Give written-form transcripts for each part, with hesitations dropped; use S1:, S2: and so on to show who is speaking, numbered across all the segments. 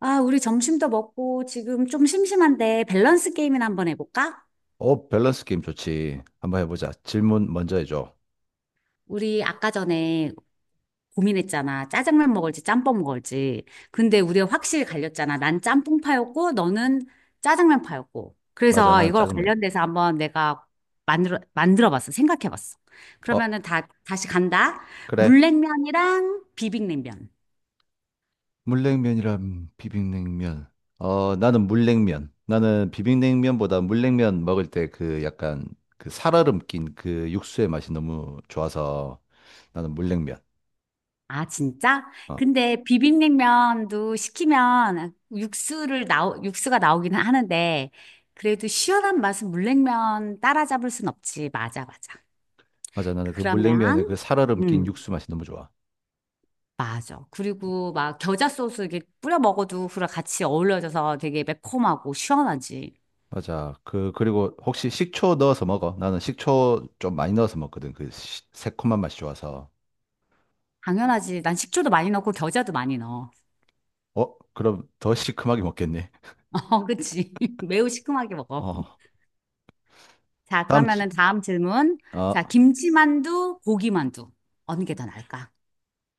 S1: 아, 우리 점심도 먹고 지금 좀 심심한데 밸런스 게임이나 한번 해볼까?
S2: 어, 밸런스 게임 좋지. 한번 해보자. 질문 먼저 해줘.
S1: 우리 아까 전에 고민했잖아. 짜장면 먹을지 짬뽕 먹을지. 근데 우리가 확실히 갈렸잖아. 난 짬뽕파였고 너는 짜장면파였고.
S2: 맞아,
S1: 그래서
S2: 나는
S1: 이걸
S2: 짜장면.
S1: 관련돼서 한번 내가 만들어봤어. 생각해봤어.
S2: 어,
S1: 그러면은 다 다시 간다.
S2: 그래.
S1: 물냉면이랑 비빔냉면.
S2: 물냉면이랑 비빔냉면. 어, 나는 물냉면. 나는 비빔냉면보다 물냉면 먹을 때 그 약간 그 살얼음 낀 그 육수의 맛이 너무 좋아서 나는 물냉면.
S1: 아, 진짜?
S2: 어,
S1: 근데 비빔냉면도 시키면 육수가 나오기는 하는데, 그래도 시원한 맛은 물냉면 따라잡을 순 없지. 맞아, 맞아.
S2: 맞아. 나는 그 물냉면에 그
S1: 그러면,
S2: 살얼음 낀
S1: 음,
S2: 육수 맛이 너무 좋아.
S1: 맞아. 그리고 막 겨자 소스 이렇게 뿌려 먹어도 그랑 같이 어울려져서 되게 매콤하고 시원하지.
S2: 맞아. 그리고 혹시 식초 넣어서 먹어? 나는 식초 좀 많이 넣어서 먹거든. 그 새콤한 맛이 좋아서.
S1: 당연하지. 난 식초도 많이 넣고 겨자도 많이 넣어.
S2: 어, 그럼 더 시큼하게 먹겠니?
S1: 어, 그치. 매우 시큼하게 먹어.
S2: 어,
S1: 자,
S2: 다음,
S1: 그러면은 다음 질문.
S2: 아,
S1: 자, 김치만두, 고기만두. 어느 게 더 나을까?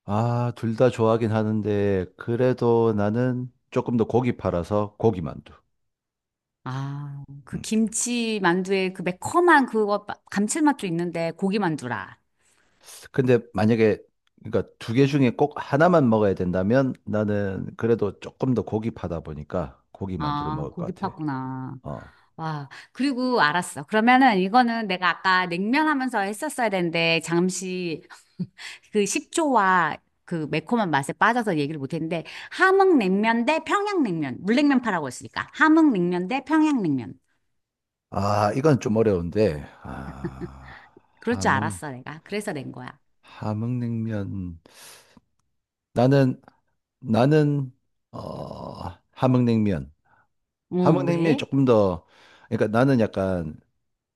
S2: 아, 둘 다 좋아하긴 하는데, 그래도 나는 조금 더 고기 팔아서 고기만두.
S1: 아, 그
S2: 음.
S1: 김치 만두에 그 매콤한 감칠맛도 있는데 고기 만두라.
S2: 근데 만약에, 그러니까 두 개 중에 꼭 하나만 먹어야 된다면 나는 그래도 조금 더 고기 파다 보니까 고기만두를
S1: 아,
S2: 먹을
S1: 고기
S2: 것 같아.
S1: 파구나.
S2: 어.
S1: 와, 그리고 알았어. 그러면은 이거는 내가 아까 냉면 하면서 했었어야 되는데 잠시 그 식초와 그 매콤한 맛에 빠져서 얘기를 못 했는데 함흥냉면 대 평양냉면. 물냉면 파라고 했으니까. 함흥냉면 대 평양냉면.
S2: 아, 이건 좀 어려운데,
S1: 그럴 줄
S2: 함흥,
S1: 알았어, 내가. 그래서 낸 거야.
S2: 함흥냉면. 나는, 나는, 어, 함흥냉면.
S1: 어,
S2: 함흥냉면이
S1: 왜?
S2: 조금 더, 그러니까 나는 약간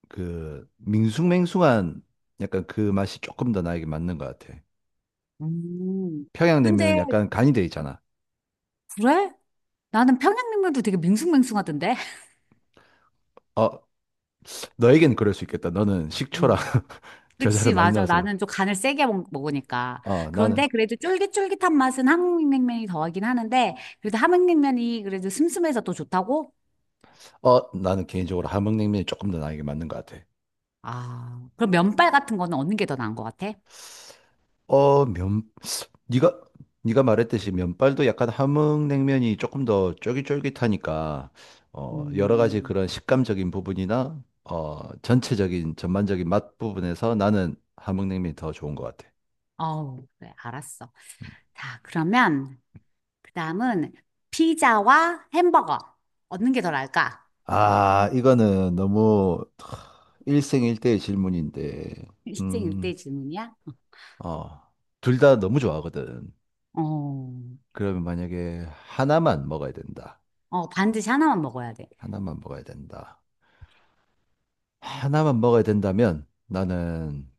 S2: 그 밍숭맹숭한 약간 그 맛이 조금 더 나에게 맞는 것 같아.
S1: 음.
S2: 평양냉면은
S1: 근데
S2: 약간 간이 돼 있잖아.
S1: 그래? 나는 평양냉면도 되게 밍숭맹숭하던데?
S2: 어, 너에겐 그럴 수 있겠다. 너는 식초랑
S1: 음.
S2: 겨자를
S1: 그치,
S2: 많이
S1: 맞아.
S2: 넣어서 먹-.
S1: 나는 좀 간을 먹으니까.
S2: 어, 나는
S1: 그런데 그래도 쫄깃쫄깃한 맛은 함흥냉면이 더하긴 하는데, 그래도 함흥냉면이 그래도 슴슴해서 또 좋다고?
S2: 나는 개인적으로 함흥냉면이 조금 더 나에게 맞는 것 같아.
S1: 아, 그럼 면발 같은 거는 얻는 게 더 나은 것 같아?
S2: 어, 면 네가 네가 말했듯이 면발도 약간 함흥냉면이 조금 더 쫄깃쫄깃하니까 여러 가지
S1: 음,
S2: 그런 식감적인 부분이나 전체적인 전반적인 맛 부분에서 나는 함흥냉면이 더 좋은 것 같아.
S1: 어우, 그래, 알았어. 자, 그러면, 그 다음은 피자와 햄버거. 얻는 게 더 나을까?
S2: 아, 이거는 너무 일생일대의 질문인데, 음,
S1: 일생일대 질문이야?
S2: 어, 둘 다 너무 좋아하거든.
S1: 어,
S2: 그러면 만약에 하나만 먹어야 된다.
S1: 어, 반드시 하나만 먹어야 돼.
S2: 하나만 먹어야 된다. 하나만 먹어야 된다면 나는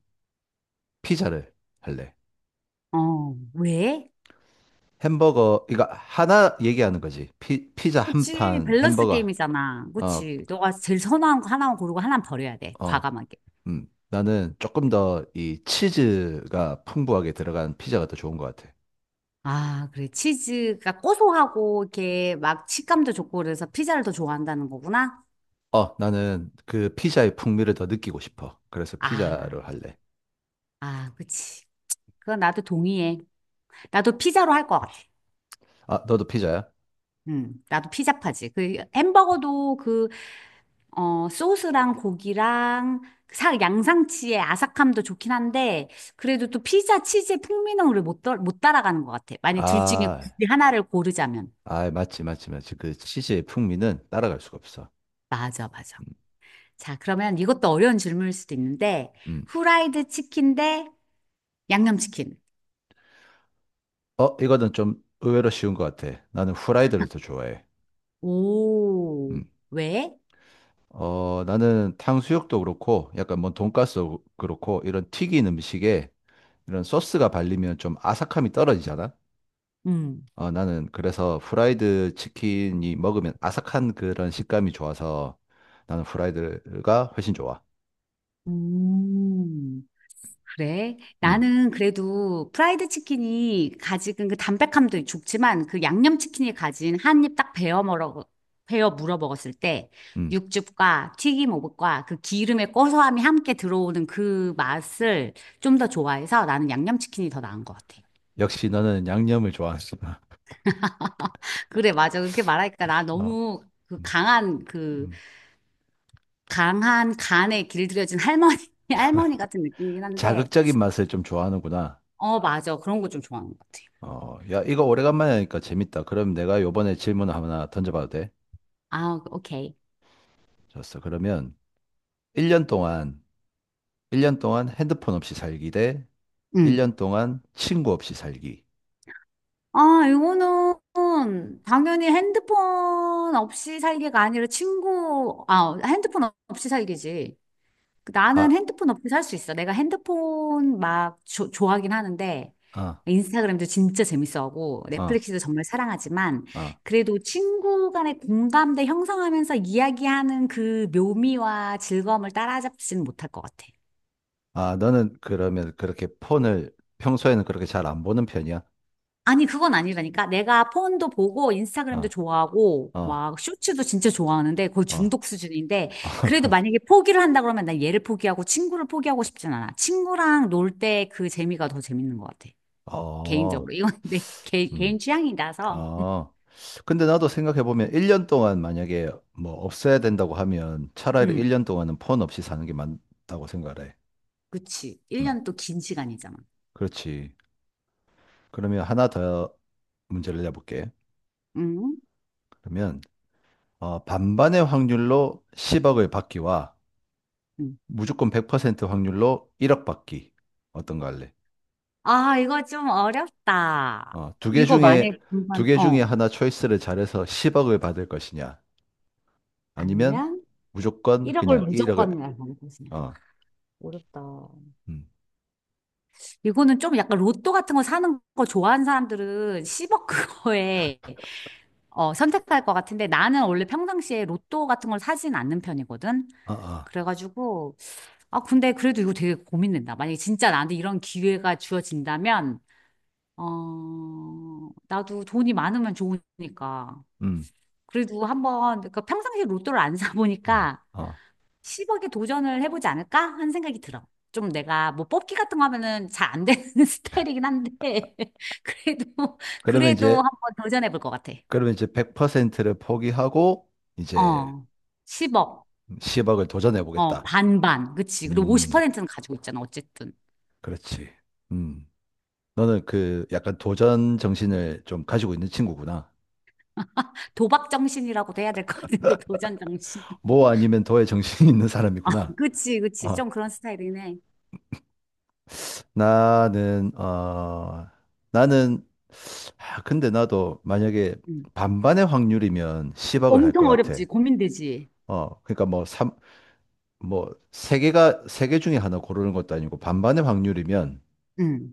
S2: 피자를 할래.
S1: 어, 왜?
S2: 햄버거, 이거 하나 얘기하는 거지. 피자 한
S1: 그치,
S2: 판,
S1: 밸런스
S2: 햄버거.
S1: 게임이잖아.
S2: 어,
S1: 그치. 너가 제일 선호한 거 하나만 고르고 하나는 버려야 돼.
S2: 어,
S1: 과감하게.
S2: 음. 나는 조금 더 이 치즈가 풍부하게 들어간 피자가 더 좋은 것 같아.
S1: 아, 그래. 치즈가 고소하고, 이렇게 막 식감도 좋고, 그래서 피자를 더 좋아한다는 거구나?
S2: 어, 나는 그 피자의 풍미를 더 느끼고 싶어. 그래서
S1: 아,
S2: 피자를 할래.
S1: 아, 그치. 그건 나도 동의해. 나도 피자로 할 것 같아.
S2: 아, 너도 피자야?
S1: 나도 피자파지. 그 햄버거도 그, 어, 소스랑 고기랑 양상치의 아삭함도 좋긴 한데, 그래도 또 피자 치즈의 풍미는 우리 못 따라가는 것 같아. 만약 둘 중에
S2: 아,
S1: 굳이 하나를 고르자면.
S2: 아, 맞지, 맞지, 맞지. 그 치즈의 풍미는 따라갈 수가 없어.
S1: 맞아, 맞아.
S2: 음,
S1: 자, 그러면 이것도 어려운 질문일 수도 있는데,
S2: 음.
S1: 후라이드 치킨 대 양념치킨.
S2: 어, 이거는 좀 의외로 쉬운 것 같아. 나는 후라이드를 더 좋아해.
S1: 오,
S2: 음.
S1: 왜?
S2: 어, 나는 탕수육도 그렇고, 약간 뭐 돈가스도 그렇고, 이런 튀긴 음식에 이런 소스가 발리면 좀 아삭함이 떨어지잖아?
S1: 음.
S2: 어, 나는 그래서 프라이드 치킨이 먹으면 아삭한 그런 식감이 좋아서 나는 프라이드가 훨씬 좋아.
S1: 음. 그래.
S2: 음,
S1: 나는 그래도 프라이드 치킨이 가지는 그 담백함도 좋지만 그 양념 치킨이 가진 한입 딱 베어 물어 먹었을 때
S2: 음.
S1: 육즙과 튀김 오복과 그 기름의 고소함이 함께 들어오는 그 맛을 좀 더 좋아해서 나는 양념 치킨이 더 나은 것 같아.
S2: 역시 너는 양념을 좋아하는구나.
S1: 그래, 맞아. 그렇게 말하니까 나
S2: 어,
S1: 너무
S2: 음, 음.
S1: 강한 간에 길들여진 할머니 할머니 같은 느낌이긴 한데,
S2: 자극적인 맛을 좀 좋아하는구나.
S1: 어, 맞아. 그런 거 좀 좋아하는 것 같아.
S2: 어, 야, 이거 오래간만에 하니까 재밌다. 그럼 내가 요번에 질문 하나 던져봐도 돼?
S1: 아, 오케이.
S2: 좋았어. 그러면 1년 동안, 1년 동안 핸드폰 없이 살기 대
S1: 응.
S2: 1년 동안 친구 없이 살기.
S1: 아, 이거는 당연히 핸드폰 없이 살기가 아니라 핸드폰 없이 살기지. 그
S2: 아,
S1: 나는 핸드폰 없이 살 수 있어. 내가 핸드폰 좋아하긴 하는데,
S2: 아,
S1: 인스타그램도 진짜 재밌어하고,
S2: 아,
S1: 넷플릭스도 정말 사랑하지만,
S2: 아.
S1: 그래도 친구 간의 공감대 형성하면서 이야기하는 그 묘미와 즐거움을 따라잡지는 못할 것 같아.
S2: 아, 너는 그러면 그렇게 폰을 평소에는 그렇게 잘 안 보는 편이야?
S1: 아니, 그건 아니라니까. 내가 폰도 보고, 인스타그램도
S2: 어,
S1: 좋아하고,
S2: 어,
S1: 막, 쇼츠도 진짜 좋아하는데, 거의
S2: 어,
S1: 중독 수준인데, 그래도 만약에 포기를 한다 그러면 난 얘를 포기하고, 친구를 포기하고 싶진 않아. 친구랑 놀 때 그 재미가 더 재밌는 것 같아.
S2: 어,
S1: 개인적으로. 이건 내 개인
S2: 음,
S1: 취향이라서.
S2: 어. 근데 나도 생각해보면 1년 동안 만약에 뭐 없애야 된다고 하면 차라리
S1: 응,
S2: 1년 동안은 폰 없이 사는 게 맞다고 생각을 해.
S1: 그치.
S2: 음,
S1: 1년 또 긴 시간이잖아.
S2: 그렇지. 그러면 하나 더 문제를 내볼게.
S1: 응?
S2: 그러면, 반반의 확률로 10억을 받기와
S1: 응.
S2: 무조건 100% 확률로 1억 받기. 어떤 거 할래?
S1: 아, 이거 좀 어렵다.
S2: 어,
S1: 이거 만약에
S2: 두
S1: 공부한,
S2: 개 중에
S1: 어.
S2: 하나 초이스를 잘해서 10억을 받을 것이냐, 아니면
S1: 아니면
S2: 무조건
S1: 1억을
S2: 그냥 1억을,
S1: 무조건 날고 그냥.
S2: 어,
S1: 어렵다.
S2: 음,
S1: 이거는 좀 약간 로또 같은 거 사는 거 좋아하는 사람들은 10억 그거에 어, 선택할 것 같은데 나는 원래 평상시에 로또 같은 걸 사진 않는 편이거든.
S2: 어, 어,
S1: 그래가지고 아 근데 그래도 이거 되게 고민된다. 만약에 진짜 나한테 이런 기회가 주어진다면 어 나도 돈이 많으면 좋으니까
S2: 음,
S1: 그래도 한번 그러니까 평상시에 로또를 안
S2: 어,
S1: 사보니까
S2: 어.
S1: 10억에 도전을 해보지 않을까? 하는 생각이 들어. 좀 내가 뭐 뽑기 같은 거 하면은 잘 안 되는 스타일이긴 한데, 그래도,
S2: 그러면
S1: 그래도
S2: 이제,
S1: 한번 도전해볼 것 같아.
S2: 그러면 이제 100%를 포기하고, 이제
S1: 어, 10억.
S2: 10억을 도전해
S1: 어,
S2: 보겠다.
S1: 반반. 그치. 그리고
S2: 음,
S1: 50%는 가지고 있잖아, 어쨌든.
S2: 그렇지. 음, 너는 그 약간 도전 정신을 좀 가지고 있는 친구구나.
S1: 도박 정신이라고도 해야 될 것 같은데, 도전 정신. 어.
S2: 뭐 아니면 더의 정신이 있는
S1: 아,
S2: 사람이구나.
S1: 그치, 그치.
S2: 어,
S1: 좀 그런 스타일이긴 해.
S2: 나는, 어, 나는 근데 나도 만약에
S1: 응.
S2: 반반의 확률이면 10억을 할 것
S1: 엄청 어렵지,
S2: 같아.
S1: 고민되지.
S2: 어, 그러니까 뭐 3, 뭐 세 개 중에 하나 고르는 것도 아니고 반반의 확률이면
S1: 응,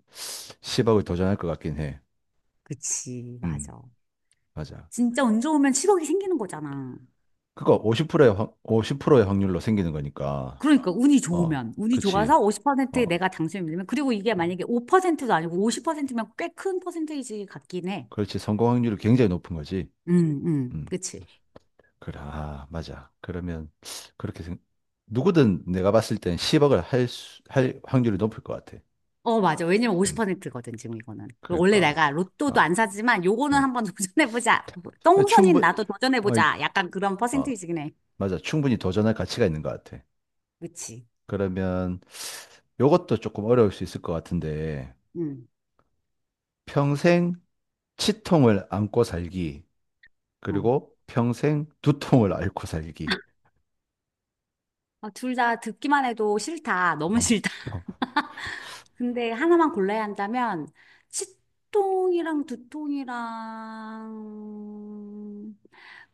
S2: 10억을 도전할 것 같긴 해.
S1: 그치,
S2: 음,
S1: 맞아.
S2: 맞아.
S1: 진짜 운 좋으면 10억이 생기는 거잖아.
S2: 그거 50%의 50%의 확률로 생기는 거니까.
S1: 그러니까 운이
S2: 어,
S1: 좋으면 운이
S2: 그렇지.
S1: 좋아서 50%에
S2: 어,
S1: 내가 당첨이 되면 그리고 이게 만약에 5%도 아니고 50%면 꽤 큰 퍼센테이지 같긴 해.
S2: 그렇지. 성공 확률이 굉장히 높은 거지. 음,
S1: 그치.
S2: 그래. 아, 맞아. 그러면 그렇게 생, 누구든 내가 봤을 땐 10억을 할 확률이 높을 것 같아.
S1: 어, 맞아. 왜냐면
S2: 음.
S1: 50%거든, 지금 이거는. 원래
S2: 그러니까,
S1: 내가 로또도
S2: 아,
S1: 안 사지만 요거는
S2: 어.
S1: 한번 도전해보자. 똥손인
S2: 충분
S1: 나도
S2: 어, 이-
S1: 도전해보자. 약간 그런
S2: 어,
S1: 퍼센테이지긴 해.
S2: 맞아, 충분히 도전할 가치가 있는 것 같아.
S1: 그치.
S2: 그러면 요것도 조금 어려울 수 있을 것 같은데
S1: 음,
S2: 평생 치통을 안고 살기
S1: 어.
S2: 그리고 평생 두통을 앓고 살기.
S1: 어, 둘다 듣기만 해도 싫다. 너무
S2: 아
S1: 싫다.
S2: 어,
S1: 근데 하나만 골라야 한다면 치통이랑 두통이랑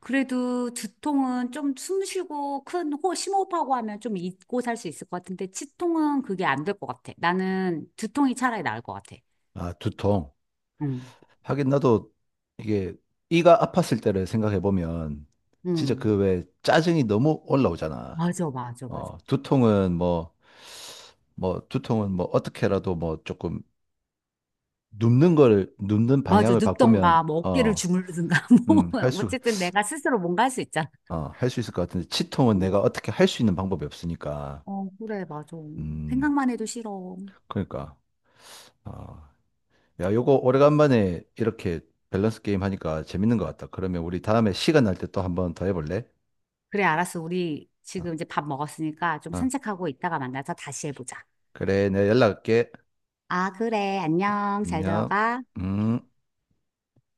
S1: 그래도 두통은 좀 숨 쉬고 심호흡하고 하면 좀 잊고 살 수 있을 것 같은데 치통은 그게 안 될 것 같아. 나는 두통이 차라리 나을 것 같아.
S2: 두통.
S1: 응,
S2: 하긴 나도 이게 이가 아팠을 때를 생각해 보면 진짜
S1: 응.
S2: 그 왜 짜증이 너무 올라오잖아.
S1: 맞아, 맞아, 맞아.
S2: 어, 두통은 뭐, 두통은 뭐, 어떻게라도 뭐, 조금, 눕는
S1: 맞아.
S2: 방향을 바꾸면,
S1: 눕던가, 뭐 어깨를 주무르든가, 뭐.
S2: 음, 할 수,
S1: 어쨌든 내가 스스로 뭔가 할 수 있잖아.
S2: 할 수 있을 것 같은데, 치통은
S1: 응.
S2: 내가 어떻게 할 수 있는 방법이 없으니까,
S1: 어, 그래, 맞아.
S2: 음,
S1: 생각만 해도 싫어.
S2: 그러니까, 어, 야, 요거 오래간만에 이렇게 밸런스 게임 하니까 재밌는 것 같다. 그러면 우리 다음에 시간 날 때 또 한번 더 해볼래?
S1: 그래, 알았어. 우리
S2: 어,
S1: 지금 이제 밥 먹었으니까 좀
S2: 어,
S1: 산책하고 이따가 만나서 다시 해보자.
S2: 그래, 내가 연락할게.
S1: 아, 그래. 안녕. 잘
S2: 안녕.
S1: 들어가.
S2: 음.